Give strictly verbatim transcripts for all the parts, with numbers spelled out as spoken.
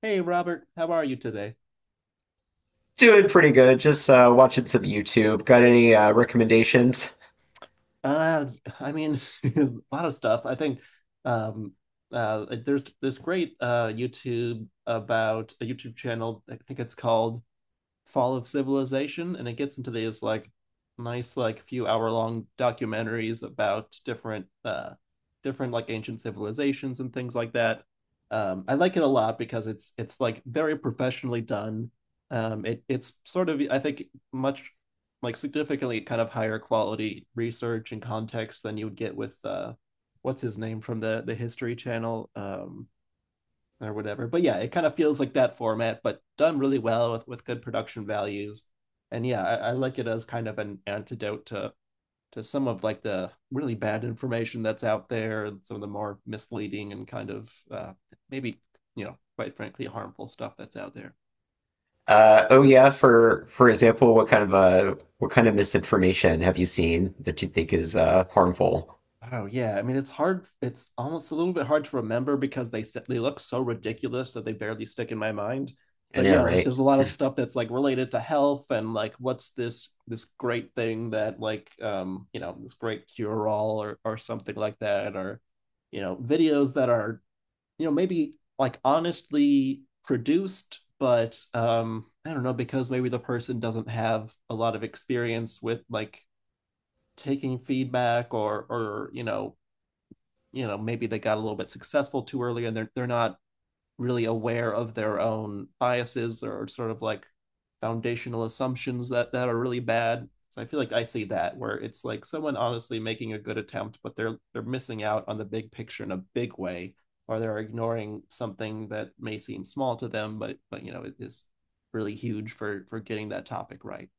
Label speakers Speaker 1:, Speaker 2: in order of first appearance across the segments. Speaker 1: Hey Robert, how are you today?
Speaker 2: Doing pretty good. Just uh, watching some YouTube. Got any uh, recommendations?
Speaker 1: Uh, I mean, a lot of stuff. I think um, uh, there's this great uh, YouTube about a YouTube channel. I think it's called Fall of Civilization, and it gets into these like nice like few hour long documentaries about different uh different like ancient civilizations and things like that. um I like it a lot because it's it's like very professionally done. um it it's sort of, I think, much like significantly kind of higher quality research and context than you would get with uh what's his name from the the History Channel, um or whatever. But yeah, it kind of feels like that format, but done really well with with good production values. And yeah, I, I like it as kind of an antidote to to some of like the really bad information that's out there and some of the more misleading and kind of uh, maybe you know, quite frankly harmful stuff that's out there.
Speaker 2: Uh, oh yeah, for for example, what kind of uh, what kind of misinformation have you seen that you think is uh, harmful?
Speaker 1: Oh yeah, I mean it's hard. It's almost a little bit hard to remember because they s- they look so ridiculous that they barely stick in my mind.
Speaker 2: I
Speaker 1: But
Speaker 2: know,
Speaker 1: yeah, like
Speaker 2: right.
Speaker 1: there's a lot of stuff that's like related to health and like what's this this great thing that like, um you know, this great cure all, or or something like that. Or you know, videos that are, you know, maybe like honestly produced, but um I don't know, because maybe the person doesn't have a lot of experience with like taking feedback, or or you know, you know, maybe they got a little bit successful too early and they're they're not really aware of their own biases or sort of like foundational assumptions that that are really bad. So I feel like I see that where it's like someone honestly making a good attempt, but they're they're missing out on the big picture in a big way, or they're ignoring something that may seem small to them, but but you know, it is really huge for for getting that topic right.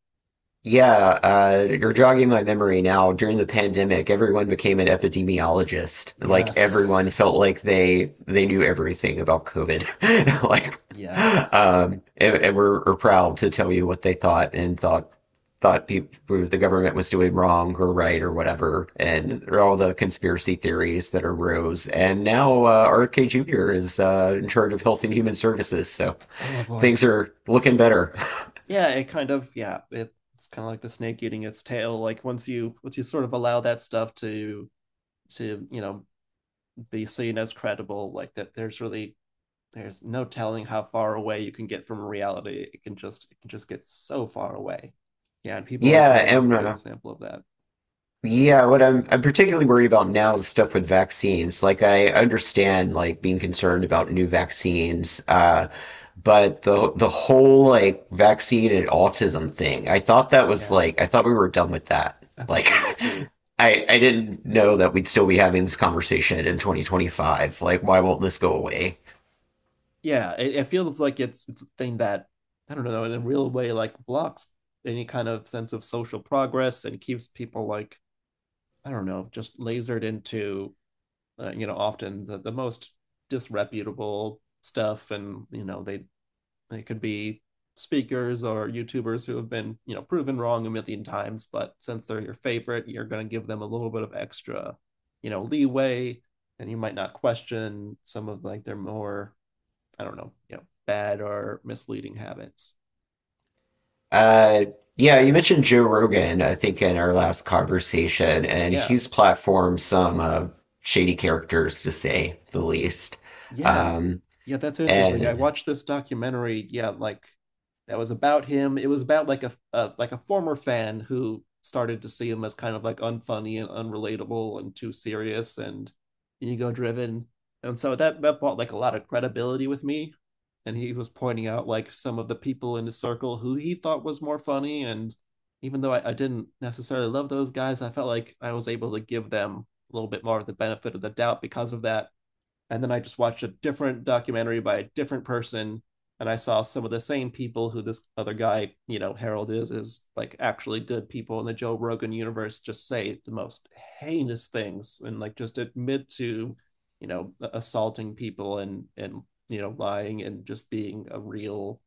Speaker 2: Yeah, uh, you're jogging my memory now. During the pandemic, everyone became an epidemiologist. Like
Speaker 1: Yes,
Speaker 2: everyone felt like they they knew everything about COVID. Like,
Speaker 1: yes.
Speaker 2: um, and, and were, were proud to tell you what they thought and thought thought people the government was doing wrong or right or whatever, and there are all the conspiracy theories that arose. And now uh, R F K Junior is uh, in charge of Health and Human Services, so
Speaker 1: Oh boy,
Speaker 2: things are looking better.
Speaker 1: yeah it kind of, yeah it, it's kind of like the snake eating its tail. Like once you, once you sort of allow that stuff to to you know, be seen as credible, like that, there's really there's no telling how far away you can get from reality. It can just, it can just get so far away. Yeah, and people like
Speaker 2: Yeah,
Speaker 1: him are a
Speaker 2: and
Speaker 1: great
Speaker 2: uh,
Speaker 1: example of that.
Speaker 2: Yeah, what I'm I'm particularly worried about now is stuff with vaccines. Like I understand like being concerned about new vaccines, uh, but the the whole like vaccine and autism thing, I thought that was
Speaker 1: Yeah,
Speaker 2: like I thought we were done with that.
Speaker 1: I thought
Speaker 2: Like
Speaker 1: we were too.
Speaker 2: I I didn't know that we'd still be having this conversation in twenty twenty-five. Like why won't this go away?
Speaker 1: Yeah, it, it feels like it's it's a thing that, I don't know, in a real way like blocks any kind of sense of social progress and keeps people like, I don't know, just lasered into uh, you know, often the, the most disreputable stuff. And you know, they they could be speakers or YouTubers who have been, you know, proven wrong a million times, but since they're your favorite, you're going to give them a little bit of extra, you know, leeway. And you might not question some of like their more, I don't know, you know, bad or misleading habits.
Speaker 2: Uh, yeah, you mentioned Joe Rogan, I think, in our last conversation, and
Speaker 1: Yeah.
Speaker 2: he's platformed some uh, shady characters, to say the least.
Speaker 1: Yeah.
Speaker 2: Um,
Speaker 1: Yeah, that's interesting. I
Speaker 2: and
Speaker 1: watched this documentary, yeah, like that was about him. It was about like a, a like a former fan who started to see him as kind of like unfunny and unrelatable and too serious and ego driven. And so that that brought like a lot of credibility with me. And he was pointing out like some of the people in his circle who he thought was more funny. And even though I, I didn't necessarily love those guys, I felt like I was able to give them a little bit more of the benefit of the doubt because of that. And then I just watched a different documentary by a different person, and I saw some of the same people who this other guy, you know, Harold, is, is like actually good people in the Joe Rogan universe, just say the most heinous things and like just admit to, you know, assaulting people, and, and, you know, lying and just being a real,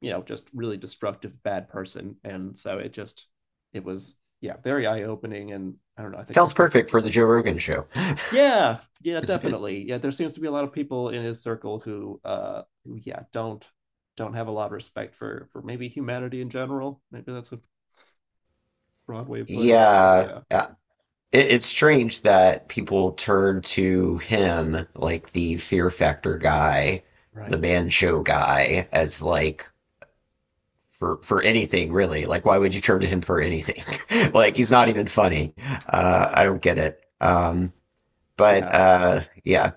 Speaker 1: you know, just really destructive bad person. And so it just, it was, yeah, very eye opening. And I don't know, I think
Speaker 2: sounds
Speaker 1: that's like
Speaker 2: perfect for the Joe Rogan show.
Speaker 1: yeah, yeah, definitely. Yeah, there seems to be a lot of people in his circle who uh who yeah, don't don't have a lot of respect for for maybe humanity in general. Maybe that's a broad way of putting it, but
Speaker 2: Yeah,
Speaker 1: yeah.
Speaker 2: uh, it, it's strange that people turn to him, like the Fear Factor guy, the
Speaker 1: Right.
Speaker 2: Man Show guy, as like for for anything really. Like, why would you turn to him for anything? Like, he's not even funny. Uh, I don't get it. Um, but
Speaker 1: Yeah.
Speaker 2: uh, yeah,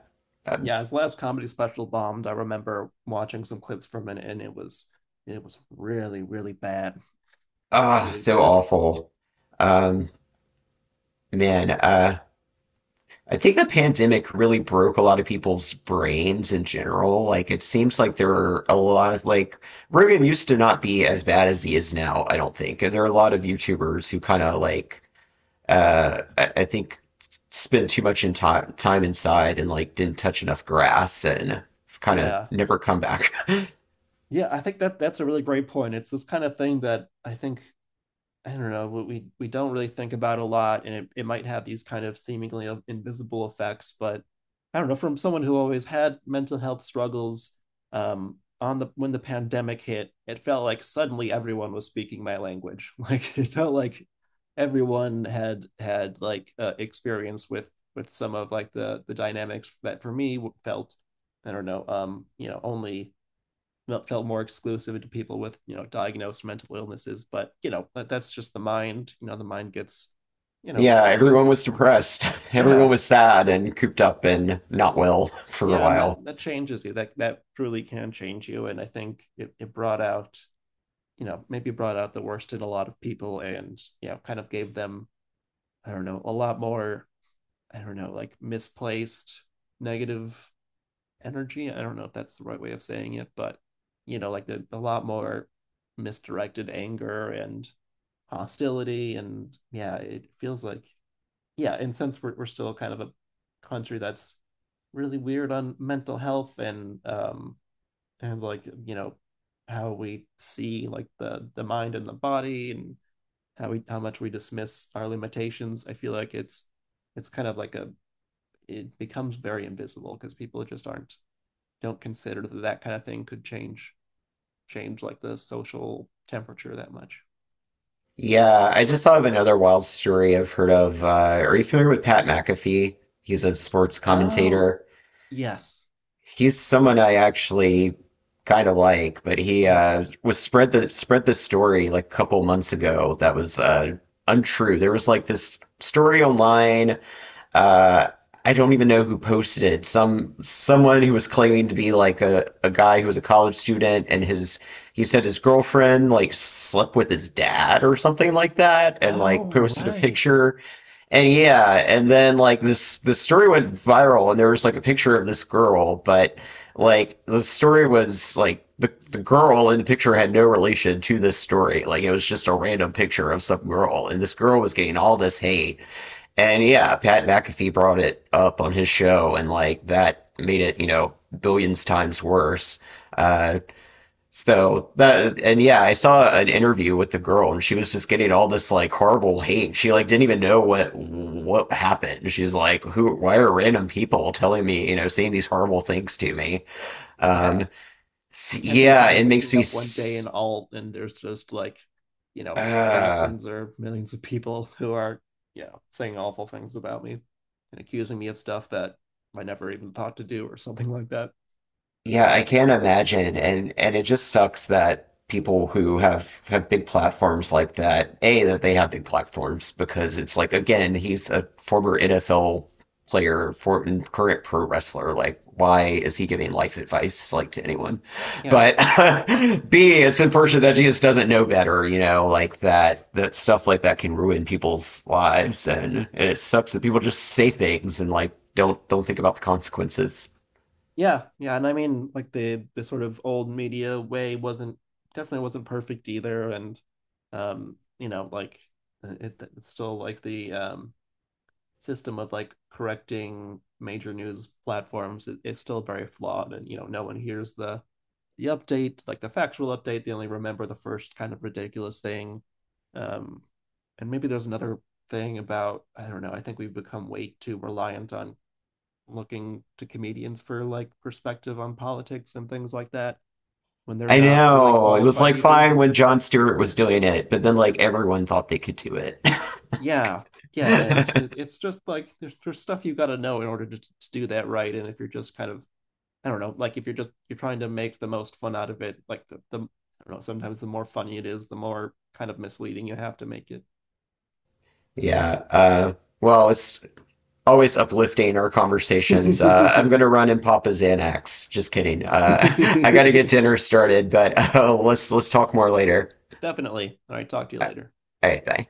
Speaker 2: um,
Speaker 1: Yeah, his last comedy special bombed. I remember watching some clips from it and it was, it was really, really bad. It was
Speaker 2: ah,
Speaker 1: really
Speaker 2: so
Speaker 1: bad.
Speaker 2: awful. Um, man, uh, I think the pandemic really broke a lot of people's brains in general. Like, it seems like there are a lot of like Rogan used to not be as bad as he is now. I don't think, and there are a lot of YouTubers who kind of like uh, I, I think spent too much in time time inside and like didn't touch enough grass and kind of
Speaker 1: Yeah.
Speaker 2: never come back.
Speaker 1: Yeah, I think that that's a really great point. It's this kind of thing that I think, I don't know, we we don't really think about a lot, and it, it might have these kind of seemingly invisible effects. But I don't know, from someone who always had mental health struggles, um, on the, when the pandemic hit, it felt like suddenly everyone was speaking my language. Like it felt like everyone had had like uh, experience with with some of like the the dynamics that for me felt, I don't know, um, you know, only felt more exclusive to people with, you know, diagnosed mental illnesses. But you know, that's just the mind, you know, the mind gets, you know,
Speaker 2: Yeah,
Speaker 1: it
Speaker 2: everyone
Speaker 1: doesn't.
Speaker 2: was depressed. Everyone
Speaker 1: Yeah,
Speaker 2: was sad and cooped up and not well for a
Speaker 1: yeah. And that
Speaker 2: while.
Speaker 1: that changes you, that that truly can change you. And I think it, it brought out, you know, maybe brought out the worst in a lot of people. And you know, kind of gave them, I don't know, a lot more, I don't know, like misplaced negative energy, I don't know if that's the right way of saying it, but you know, like the, a lot more misdirected anger and hostility. And yeah, it feels like, yeah. And since we're, we're still kind of a country that's really weird on mental health. And um and like you know, how we see like the the mind and the body and how we, how much we dismiss our limitations, I feel like it's it's kind of like a, it becomes very invisible because people just aren't, don't consider that that kind of thing could change, change like the social temperature that much.
Speaker 2: Yeah, I just thought of another wild story I've heard of. Uh, are you familiar with Pat McAfee? He's a sports
Speaker 1: Oh
Speaker 2: commentator.
Speaker 1: yes.
Speaker 2: He's someone I actually kind of like, but he
Speaker 1: Mm-hmm.
Speaker 2: uh, was spread the spread the story like a couple months ago that was uh, untrue. There was like this story online. Uh, I don't even know who posted it. Some someone who was claiming to be like a, a guy who was a college student and his he said his girlfriend like slept with his dad or something like that and like
Speaker 1: Oh,
Speaker 2: posted a
Speaker 1: right.
Speaker 2: picture and yeah, and then like this the story went viral and there was like a picture of this girl, but like the story was like the the girl in the picture had no relation to this story. Like it was just a random picture of some girl and this girl was getting all this hate. And yeah, Pat McAfee brought it up on his show and like that made it, you know, billions times worse. Uh, so that and yeah, I saw an interview with the girl and she was just getting all this like horrible hate. She like didn't even know what what happened. She's like, who? Why are random people telling me, you know, saying these horrible things to me? Um,
Speaker 1: Yeah. I can't
Speaker 2: yeah,
Speaker 1: imagine
Speaker 2: it makes
Speaker 1: waking
Speaker 2: me.
Speaker 1: up one day and all and there's just like, you know,
Speaker 2: Uh,
Speaker 1: thousands or millions of people who are, you know, saying awful things about me and accusing me of stuff that I never even thought to do or something like that.
Speaker 2: Yeah, I can imagine, and and it just sucks that people who have have big platforms like that, A, that they have big platforms because it's like again, he's a former N F L player, for and current pro wrestler. Like, why is he giving life advice like to anyone?
Speaker 1: Yeah.
Speaker 2: But B, it's unfortunate that he just doesn't know better, you know, like that that stuff like that can ruin people's lives, and, and it sucks that people just say things and like don't don't think about the consequences.
Speaker 1: Yeah. Yeah. And I mean, like the the sort of old media way wasn't definitely wasn't perfect either. And um, you know, like it, it's still like the um system of like correcting major news platforms is, it, it's still very flawed. And you know, no one hears the the update, like the factual update, they only remember the first kind of ridiculous thing. um and maybe there's another thing about, I don't know, I think we've become way too reliant on looking to comedians for like perspective on politics and things like that, when they're
Speaker 2: I
Speaker 1: not really
Speaker 2: know. It was
Speaker 1: qualified
Speaker 2: like
Speaker 1: either.
Speaker 2: fine when John Stewart was doing it, but then like everyone thought they could do it.
Speaker 1: Yeah, yeah, and it, it's just like there's, there's stuff you got to know in order to, to do that right. And if you're just kind of, I don't know, like if you're just, you're trying to make the most fun out of it, like the the I don't know, sometimes the more funny it is, the more kind of misleading you have to make it.
Speaker 2: Yeah. Uh, well, it's always uplifting our conversations. Uh, I'm gonna run and pop a Xanax. Just kidding. Uh, I gotta get dinner started, but uh, let's let's talk more later.
Speaker 1: Definitely. All right, talk to you later.
Speaker 2: All right, bye.